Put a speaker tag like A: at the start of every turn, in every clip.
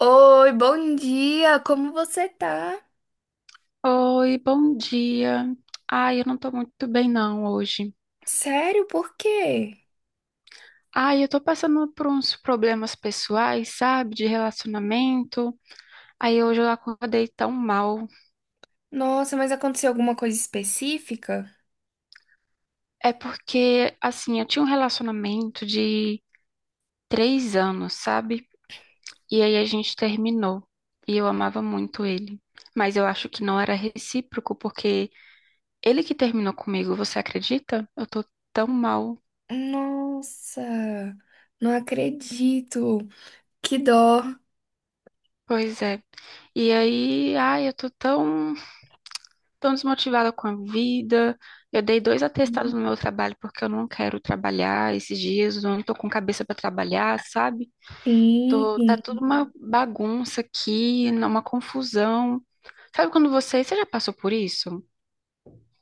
A: Oi, bom dia! Como você tá?
B: Oi, bom dia. Ai, eu não tô muito bem não hoje.
A: Sério, por quê?
B: Ai, eu tô passando por uns problemas pessoais, sabe, de relacionamento. Aí hoje eu acordei tão mal.
A: Nossa, mas aconteceu alguma coisa específica?
B: É porque, assim, eu tinha um relacionamento de 3 anos, sabe? E aí a gente terminou. E eu amava muito ele. Mas eu acho que não era recíproco, porque ele que terminou comigo, você acredita? Eu tô tão mal.
A: Nossa, não acredito. Que dó.
B: Pois é. E aí, ai, eu tô tão. Estou desmotivada com a vida. Eu dei dois atestados no meu trabalho porque eu não quero trabalhar esses dias. Eu não estou com cabeça para trabalhar, sabe?
A: Sim,
B: Tô, tá
A: sim.
B: tudo uma bagunça aqui, uma confusão. Sabe quando você já passou por isso?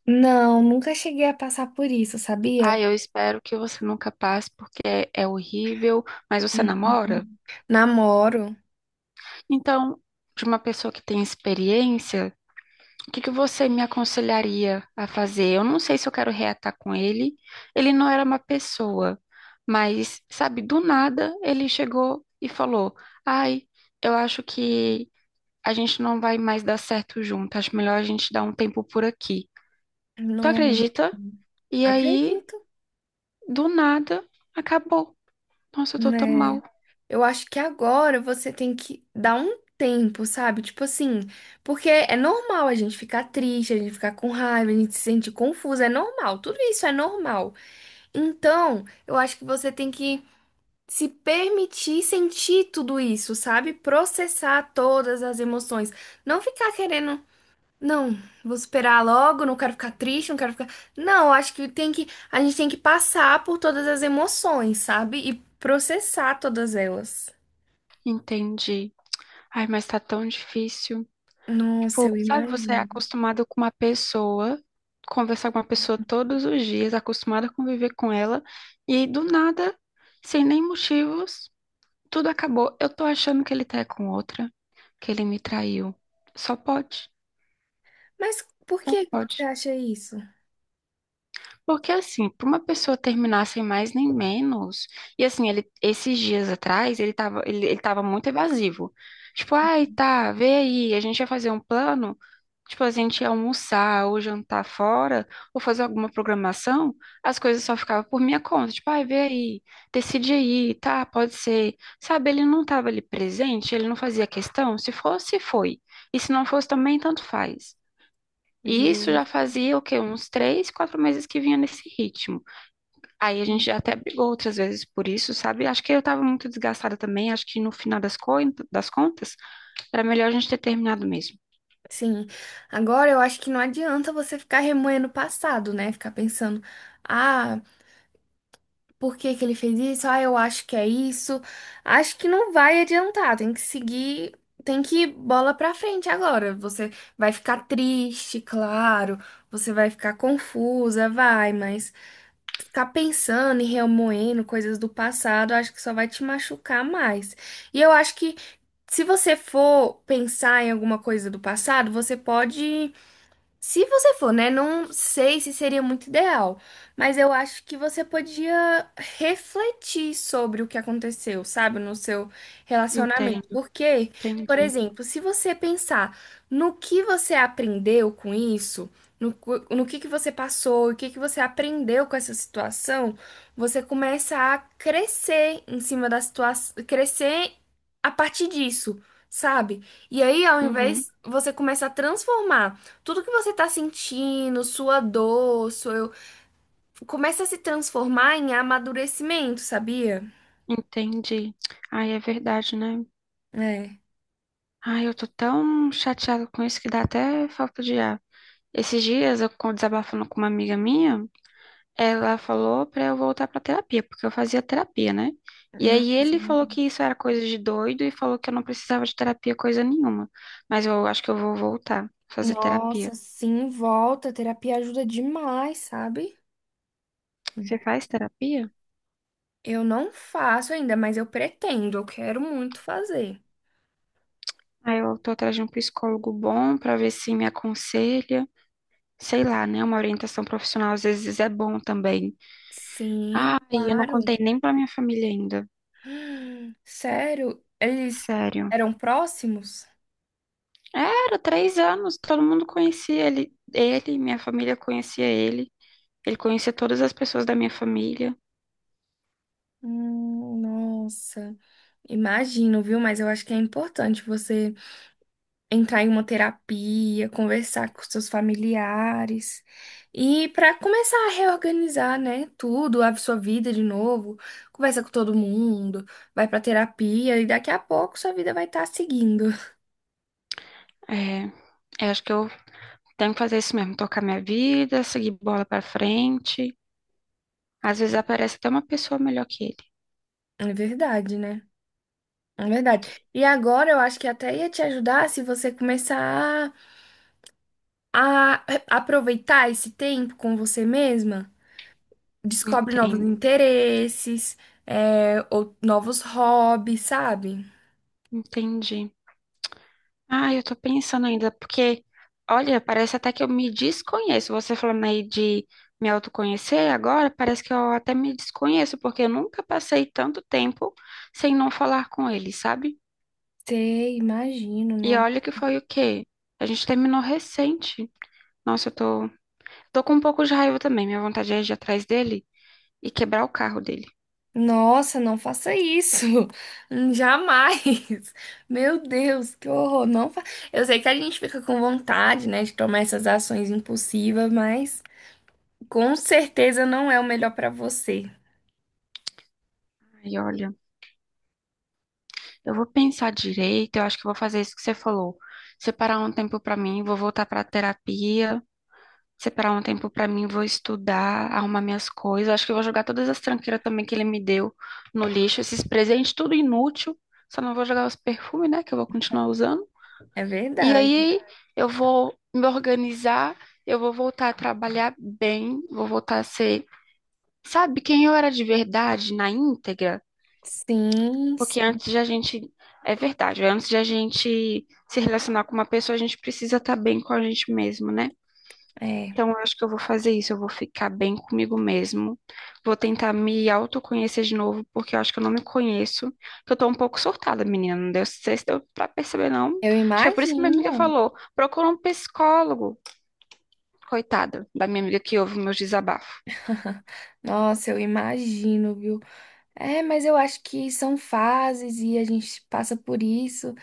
A: Não, nunca cheguei a passar por isso, sabia?
B: Ah, eu espero que você nunca passe porque é horrível, mas você namora?
A: Uhum. Namoro.
B: Então, de uma pessoa que tem experiência. O que que você me aconselharia a fazer? Eu não sei se eu quero reatar com ele. Ele não era uma pessoa, mas, sabe, do nada ele chegou e falou: ai, eu acho que a gente não vai mais dar certo junto. Acho melhor a gente dar um tempo por aqui. Tu
A: Não,
B: acredita? E aí,
A: acredito,
B: do nada, acabou. Nossa, eu tô tão mal.
A: né? Eu acho que agora você tem que dar um tempo, sabe? Tipo assim, porque é normal a gente ficar triste, a gente ficar com raiva, a gente se sentir confusa, é normal, tudo isso é normal. Então, eu acho que você tem que se permitir sentir tudo isso, sabe? Processar todas as emoções. Não ficar querendo, não, vou esperar logo, não quero ficar triste, não quero ficar. Não, eu acho que, a gente tem que passar por todas as emoções, sabe? E processar todas elas.
B: Entendi. Ai, mas tá tão difícil.
A: Nossa,
B: Tipo,
A: eu
B: sabe, você é
A: imagino.
B: acostumado com uma pessoa, conversar com uma pessoa todos os dias, acostumado a conviver com ela, e aí, do nada, sem nem motivos, tudo acabou. Eu tô achando que ele tá com outra, que ele me traiu. Só pode,
A: Mas por
B: só
A: que que você
B: pode.
A: acha isso,
B: Porque assim, pra uma pessoa terminar sem mais nem menos, e assim, ele esses dias atrás, ele tava muito evasivo. Tipo, ai, tá, vê aí, a gente vai fazer um plano. Tipo, a gente ia almoçar ou jantar fora, ou fazer alguma programação, as coisas só ficavam por minha conta. Tipo, ai, vê aí, decide aí, tá, pode ser. Sabe, ele não estava ali presente, ele não fazia questão. Se fosse, foi. E se não fosse também, tanto faz. E isso
A: Ju?
B: já fazia, o quê? Uns 3, 4 meses que vinha nesse ritmo. Aí a gente já até brigou outras vezes por isso, sabe? Acho que eu estava muito desgastada também. Acho que no final das, das contas, era melhor a gente ter terminado mesmo.
A: Sim, agora eu acho que não adianta você ficar remoendo o passado, né? Ficar pensando, ah, por que que ele fez isso? Ah, eu acho que é isso. Acho que não vai adiantar, tem que seguir, tem que ir bola pra frente agora. Você vai ficar triste, claro, você vai ficar confusa, vai, mas. Ficar pensando e remoendo coisas do passado, eu acho que só vai te machucar mais. E eu acho que se você for pensar em alguma coisa do passado, você pode se você for, né? Não sei se seria muito ideal, mas eu acho que você podia refletir sobre o que aconteceu, sabe, no seu relacionamento.
B: Entendo,
A: Porque, por
B: entendi.
A: exemplo, se você pensar no que você aprendeu com isso, no, no que você passou, o que que você aprendeu com essa situação, você começa a crescer em cima da situação, crescer a partir disso, sabe? E aí, ao
B: Uhum.
A: invés, você começa a transformar. Tudo que você tá sentindo, sua dor, seu começa a se transformar em amadurecimento, sabia?
B: Entendi. Ai, é verdade, né?
A: É.
B: Ai, eu tô tão chateada com isso que dá até falta de ar. Esses dias, eu desabafando com uma amiga minha, ela falou pra eu voltar pra terapia, porque eu fazia terapia, né? E aí
A: Nossa,
B: ele falou
A: verdade.
B: que isso era coisa de doido e falou que eu não precisava de terapia coisa nenhuma. Mas eu acho que eu vou voltar a fazer terapia.
A: Nossa, sim, volta. A terapia ajuda demais, sabe?
B: Você faz terapia?
A: Eu não faço ainda, mas eu pretendo, eu quero muito fazer.
B: Aí eu tô atrás de um psicólogo bom pra ver se me aconselha. Sei lá, né? Uma orientação profissional às vezes é bom também.
A: Sim,
B: Ai, eu não
A: claro.
B: contei nem pra minha família ainda.
A: Sério, eles
B: Sério.
A: eram próximos?
B: Era 3 anos, todo mundo conhecia ele. Ele, minha família conhecia ele. Ele conhecia todas as pessoas da minha família.
A: Nossa, imagino, viu? Mas eu acho que é importante você entrar em uma terapia, conversar com seus familiares e para começar a reorganizar, né, tudo, a sua vida de novo, conversa com todo mundo, vai para terapia e daqui a pouco sua vida vai estar seguindo.
B: É, eu acho que eu tenho que fazer isso mesmo, tocar minha vida, seguir bola pra frente. Às vezes aparece até uma pessoa melhor que ele.
A: É verdade, né? É verdade. E agora eu acho que até ia te ajudar se você começar a a aproveitar esse tempo com você mesma, descobre novos
B: Entendo,
A: interesses, é, ou novos hobbies, sabe?
B: entendi. Ah, eu tô pensando ainda, porque, olha, parece até que eu me desconheço. Você falando aí de me autoconhecer agora, parece que eu até me desconheço, porque eu nunca passei tanto tempo sem não falar com ele, sabe?
A: Sei, imagino,
B: E
A: não.
B: olha que foi o quê? A gente terminou recente. Nossa, eu tô com um pouco de raiva também. Minha vontade é ir atrás dele e quebrar o carro dele.
A: Nossa, não faça isso. Jamais. Meu Deus, que horror. Não fa... Eu sei que a gente fica com vontade, né, de tomar essas ações impulsivas, mas com certeza não é o melhor para você.
B: Ai, olha, eu vou pensar direito, eu acho que eu vou fazer isso que você falou. Separar um tempo pra mim, vou voltar pra terapia. Separar um tempo pra mim, vou estudar, arrumar minhas coisas. Acho que eu vou jogar todas as tranqueiras também que ele me deu no lixo, esses presentes, tudo inútil. Só não vou jogar os perfumes, né, que eu vou continuar usando.
A: É
B: E
A: verdade.
B: aí eu vou me organizar, eu vou voltar a trabalhar bem, vou voltar a ser, sabe, quem eu era de verdade, na íntegra?
A: Sim,
B: Porque
A: sim.
B: antes de a gente, é verdade, antes de a gente se relacionar com uma pessoa, a gente precisa estar bem com a gente mesmo, né?
A: É.
B: Então, eu acho que eu vou fazer isso. Eu vou ficar bem comigo mesmo. Vou tentar me autoconhecer de novo, porque eu acho que eu não me conheço. Que eu tô um pouco surtada, menina. Não deu, não sei se deu pra perceber, não.
A: Eu
B: Acho que é por isso que minha amiga
A: imagino.
B: falou: procura um psicólogo. Coitada da minha amiga que ouve meus desabafos.
A: Nossa, eu imagino, viu? É, mas eu acho que são fases e a gente passa por isso.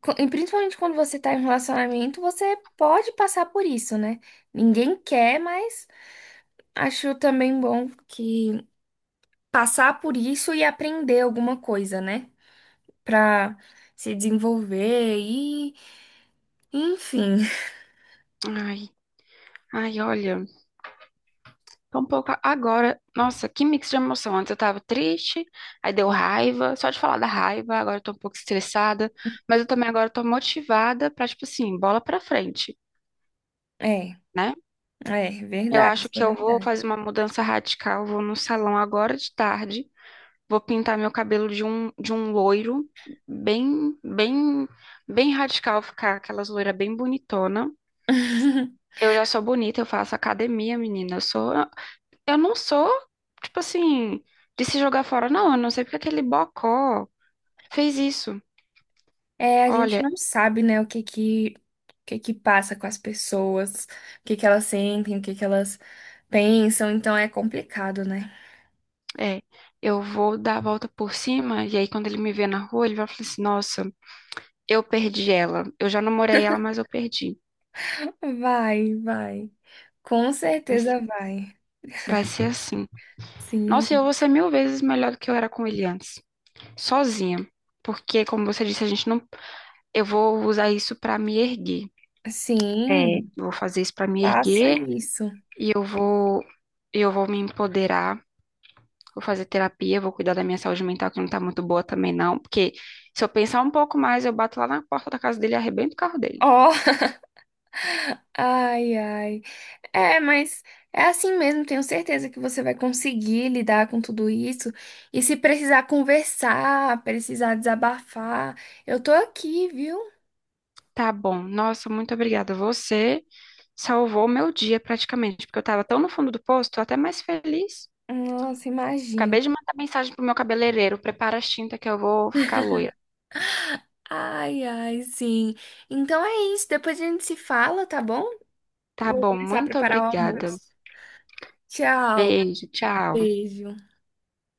A: E principalmente quando você tá em um relacionamento, você pode passar por isso, né? Ninguém quer, mas acho também bom que passar por isso e aprender alguma coisa, né? Pra se desenvolver e, enfim.
B: Ai, ai, olha. Tô um pouco. Agora, nossa, que mix de emoção. Antes eu tava triste, aí deu raiva. Só de falar da raiva, agora eu tô um pouco estressada. Mas eu também agora tô motivada pra, tipo assim, bola pra frente.
A: É,
B: Né?
A: é
B: Eu
A: verdade,
B: acho
A: isso é
B: que eu vou
A: verdade.
B: fazer uma mudança radical. Vou no salão agora de tarde. Vou pintar meu cabelo de um loiro bem, bem, bem radical, ficar aquelas loiras bem bonitona. Eu já sou bonita, eu faço academia, menina. Eu sou, eu não sou, tipo assim, de se jogar fora, não. Eu não sei porque aquele bocó fez isso.
A: É, a gente
B: Olha,
A: não sabe, né, o que que passa com as pessoas, o que que elas sentem, o que que elas pensam, então é complicado, né?
B: é, eu vou dar a volta por cima e aí quando ele me vê na rua, ele vai falar assim, nossa, eu perdi ela. Eu já namorei ela, mas eu perdi.
A: Vai, vai. Com certeza vai.
B: Vai ser assim. Nossa, eu
A: Sim,
B: vou ser mil vezes melhor do que eu era com ele antes, sozinha. Porque, como você disse, a gente não. Eu vou usar isso pra me erguer. É,
A: sim,
B: vou fazer isso pra me
A: faça
B: erguer
A: isso.
B: e eu vou me empoderar. Vou fazer terapia, vou cuidar da minha saúde mental, que não tá muito boa também, não. Porque se eu pensar um pouco mais, eu bato lá na porta da casa dele e arrebento o carro dele.
A: Ó, ai, ai. É, mas é assim mesmo, tenho certeza que você vai conseguir lidar com tudo isso. E se precisar conversar, precisar desabafar, eu tô aqui, viu?
B: Tá bom. Nossa, muito obrigada. Você salvou meu dia praticamente, porque eu tava tão no fundo do poço, tô até mais feliz.
A: Nossa, imagina.
B: Acabei de mandar mensagem pro meu cabeleireiro. Prepara as tintas que eu vou ficar loira.
A: Ai, ai, sim. Então é isso. Depois a gente se fala, tá bom?
B: Tá
A: Vou
B: bom,
A: começar a
B: muito
A: preparar o
B: obrigada.
A: almoço. Tchau.
B: Beijo, tchau.
A: Beijo.